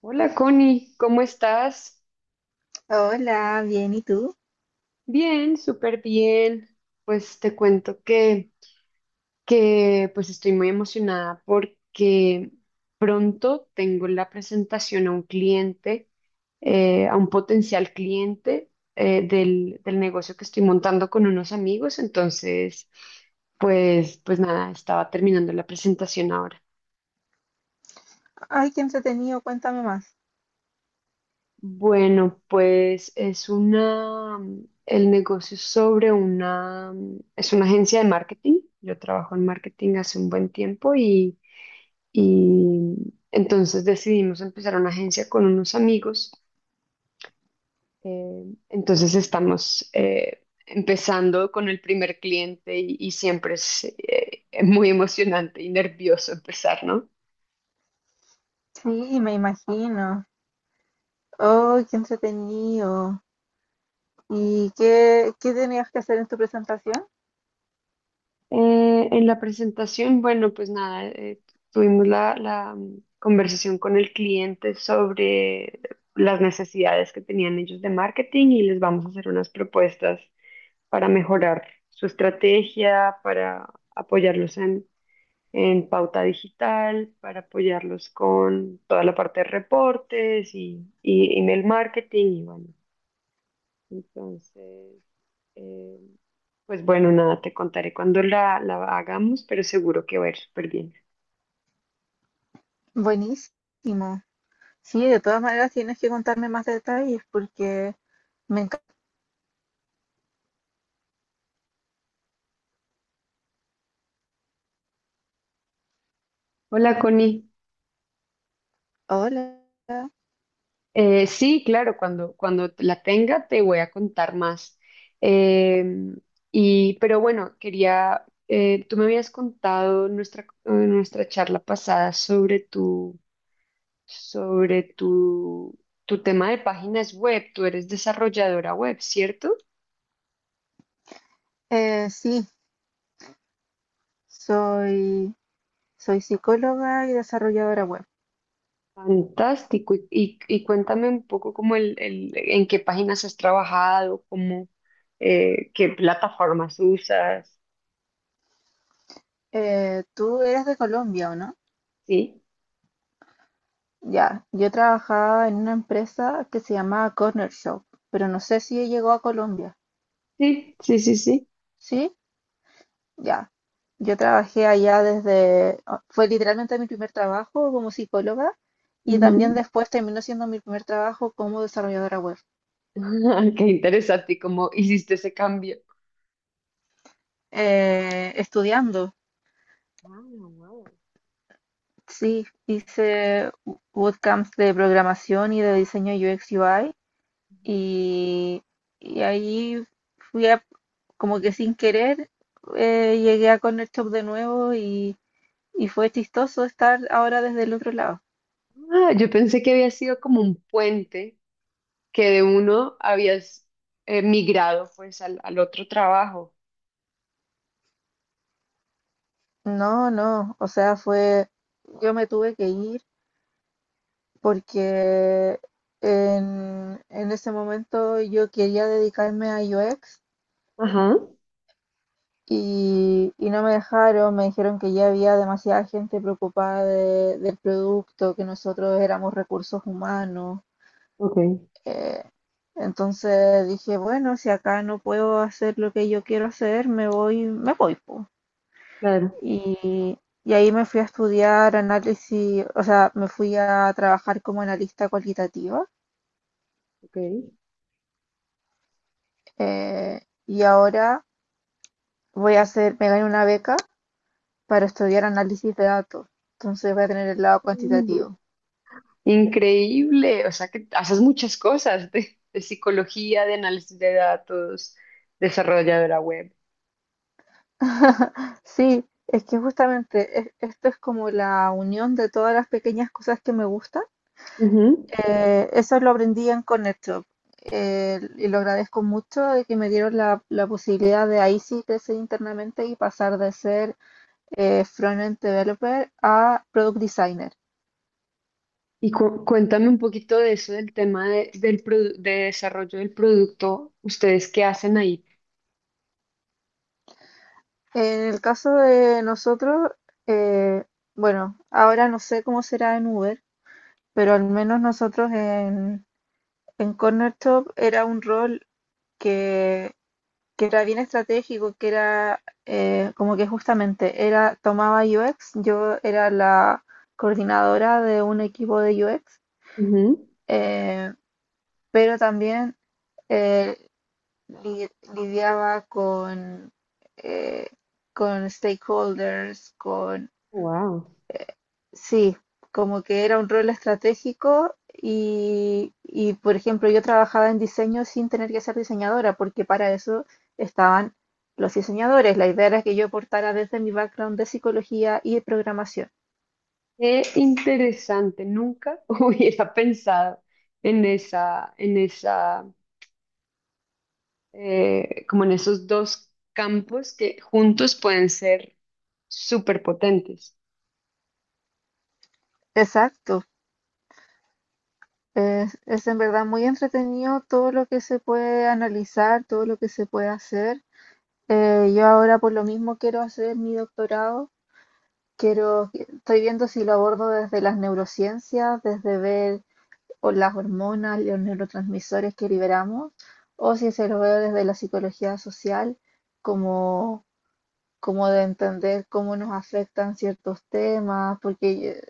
Hola Connie, ¿cómo estás? Hola, bien, ¿y tú? Bien, súper bien. Pues te cuento que estoy muy emocionada porque pronto tengo la presentación a un cliente, a un potencial cliente del negocio que estoy montando con unos amigos. Entonces, pues nada, estaba terminando la presentación ahora. Ay, qué entretenido, cuéntame más. Bueno, pues es una el negocio es sobre una es una agencia de marketing. Yo trabajo en marketing hace un buen tiempo y entonces decidimos empezar una agencia con unos amigos. Entonces estamos empezando con el primer cliente y siempre es muy emocionante y nervioso empezar, ¿no? Sí, me imagino. Oh, qué entretenido. ¿Y qué, qué tenías que hacer en tu presentación? En la presentación, bueno, pues nada, tuvimos la conversación con el cliente sobre las necesidades que tenían ellos de marketing y les vamos a hacer unas propuestas para mejorar su estrategia, para apoyarlos en pauta digital, para apoyarlos con toda la parte de reportes y email marketing y bueno, entonces... eh, pues bueno, nada, te contaré cuando la hagamos, pero seguro que va a ir súper bien. Buenísimo. Sí, de todas maneras tienes que contarme más detalles porque me encanta. Hola, Connie. Hola. Sí, claro, cuando la tenga te voy a contar más. Eh, pero bueno, quería, tú me habías contado nuestra, nuestra charla pasada sobre sobre tu, tu tema de páginas web. Tú eres desarrolladora web, ¿cierto? Sí, soy, soy psicóloga y desarrolladora web. Fantástico. Y cuéntame un poco como en qué páginas has trabajado, cómo, qué plataformas usas. Tú eres de Colombia, ¿o no? Sí, Ya, yo trabajaba en una empresa que se llamaba Corner Shop, pero no sé si llegó a Colombia. sí, sí, sí, sí. Sí, ya. Yo trabajé allá desde, ah, fue literalmente mi primer trabajo como psicóloga y Ujú. también después terminó siendo mi primer trabajo como desarrolladora web. Qué interesante y cómo hiciste ese cambio. Estudiando, Ah, wow. sí, hice bootcamps de programación y de diseño UX UI y, ahí fui a, como que sin querer, llegué a Corner Shop de nuevo y fue chistoso estar ahora desde el otro lado. Ah, yo pensé que había sido como un puente que de uno habías migrado pues al otro trabajo. No, no, o sea, fue, yo me tuve que ir porque en ese momento yo quería dedicarme a UX Ajá, y, no me dejaron, me dijeron que ya había demasiada gente preocupada del producto, que nosotros éramos recursos humanos. ok, eh, entonces dije, bueno, si acá no puedo hacer lo que yo quiero hacer, me voy, po. claro, Y, ahí me fui a estudiar análisis, o sea, me fui a trabajar como analista cualitativa. ok. eh, y ahora me gané una beca para estudiar análisis de datos. Entonces voy a tener el lado cuantitativo. Increíble, o sea que haces muchas cosas de psicología, de análisis de datos, desarrolladora web. Sí, es que justamente esto es como la unión de todas las pequeñas cosas que me gustan. Ujú. Eso lo aprendí en ConnectShop, y lo agradezco mucho de que me dieron la, la posibilidad de ahí sí crecer internamente y pasar de ser front-end developer a product designer. Y cuéntame un poquito de eso, del tema de, del produ- de desarrollo del producto, ustedes qué hacen ahí. En el caso de nosotros, eh, bueno, ahora no sé cómo será en Uber, pero al menos nosotros en Corner Shop era un rol que, que era bien estratégico, que era como que justamente era tomaba UX, yo era la coordinadora de un equipo de UX, eh, pero también eh, lidiaba eh, con stakeholders, con... Wow, Sí, como que era un rol estratégico y, por ejemplo, yo trabajaba en diseño sin tener que ser diseñadora, porque para eso estaban los diseñadores. La idea era que yo aportara desde mi background de psicología y de programación. qué interesante, nunca hubiera pensado en esa, en esa, como en esos dos campos que juntos pueden ser súper potentes. Exacto. Es en verdad muy entretenido todo lo que se puede analizar, todo lo que se puede hacer. Yo ahora por lo mismo quiero hacer mi doctorado. Estoy viendo si lo abordo desde las neurociencias, desde ver o las hormonas, los neurotransmisores que liberamos, o si se lo veo desde la psicología social, como, como de entender cómo nos afectan ciertos temas, porque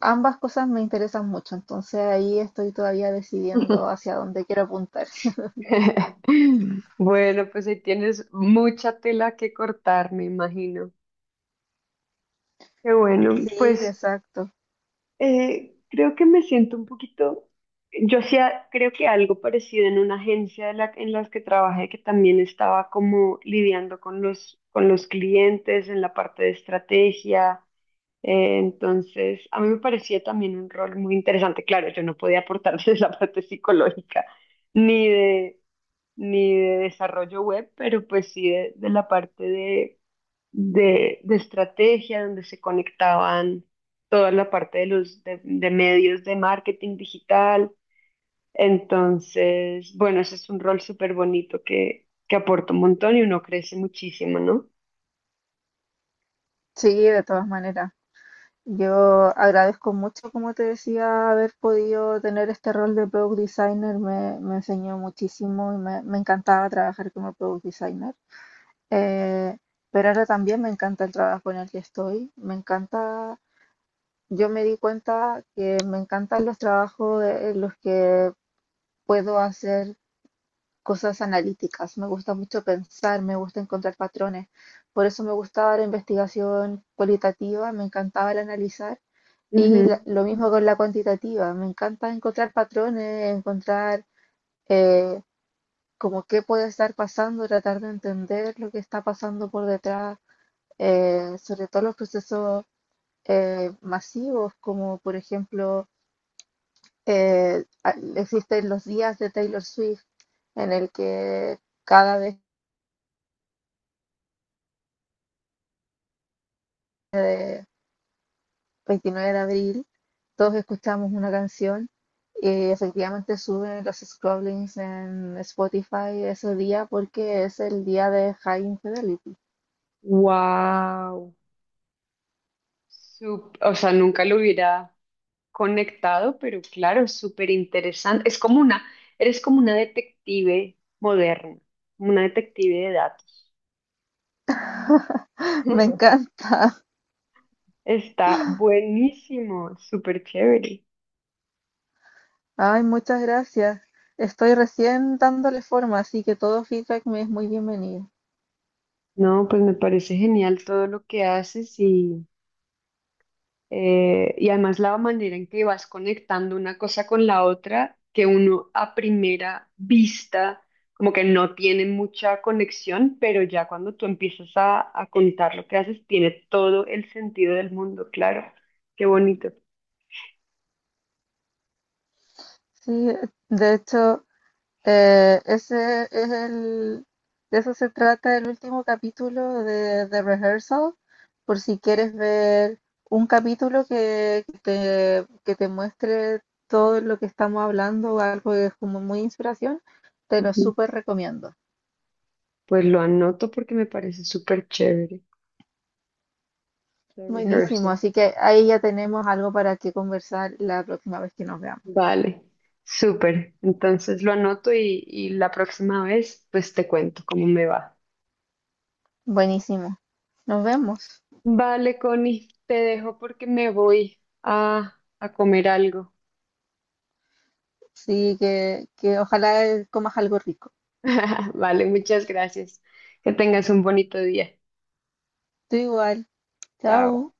ambas cosas me interesan mucho, entonces ahí estoy todavía decidiendo hacia dónde quiero apuntar. Bueno, pues ahí tienes mucha tela que cortar, me imagino. Qué bueno, Sí, pues exacto. Creo que me siento un poquito, creo que algo parecido en una agencia de en las que trabajé, que también estaba como lidiando con con los clientes en la parte de estrategia. Entonces, a mí me parecía también un rol muy interesante. Claro, yo no podía aportar desde la parte psicológica, ni de ni de desarrollo web, pero pues sí de la parte de estrategia, donde se conectaban toda la parte de de medios de marketing digital. Entonces, bueno, ese es un rol súper bonito que aporta un montón y uno crece muchísimo, ¿no? Sí, de todas maneras. Yo agradezco mucho, como te decía, haber podido tener este rol de product designer. Me enseñó muchísimo y me encantaba trabajar como product designer. Eh, pero ahora también me encanta el trabajo en el que estoy. Me encanta, yo me di cuenta que me encantan los trabajos en los que puedo hacer cosas analíticas. Me gusta mucho pensar, me gusta encontrar patrones. Por eso me gustaba la investigación cualitativa, me encantaba el analizar y lo mismo con la cuantitativa. Me encanta encontrar patrones, encontrar eh, como qué puede estar pasando, tratar de entender lo que está pasando por detrás, sobre todo los procesos masivos, como por ejemplo existen los días de Taylor Swift, en el que cada vez 29 de abril, todos escuchamos una canción y efectivamente suben los scrollings en Spotify ese día porque es el día de High Infidelity. Wow. O sea, nunca lo hubiera conectado, pero claro, súper interesante. Es como eres como una detective moderna, una detective de datos. Me encanta. Está buenísimo, súper chévere. Ay, muchas gracias. Estoy recién dándole forma, así que todo feedback me es muy bienvenido. No, pues me parece genial todo lo que haces. Y además la manera en que vas conectando una cosa con la otra, que uno a primera vista como que no tiene mucha conexión, pero ya cuando tú empiezas a contar lo que haces, tiene todo el sentido del mundo, claro. Qué bonito. Sí, de hecho, Eh, ese es el, de eso se trata el último capítulo de The Rehearsal, por si quieres ver un capítulo que te muestre todo lo que estamos hablando, o algo que es como muy inspiración, te lo Ujú. súper recomiendo. Pues lo anoto porque me parece súper chévere. The Buenísimo, rehearsal. así que ahí ya tenemos algo para que conversar la próxima vez que nos veamos. Vale, súper. Entonces lo anoto y la próxima vez pues te cuento cómo me va. Buenísimo, nos vemos. Vale, Connie, te dejo porque me voy a comer algo. Sí, que ojalá comas algo rico. Vale, muchas gracias. Que tengas un bonito día. Tú igual, chao. Chao.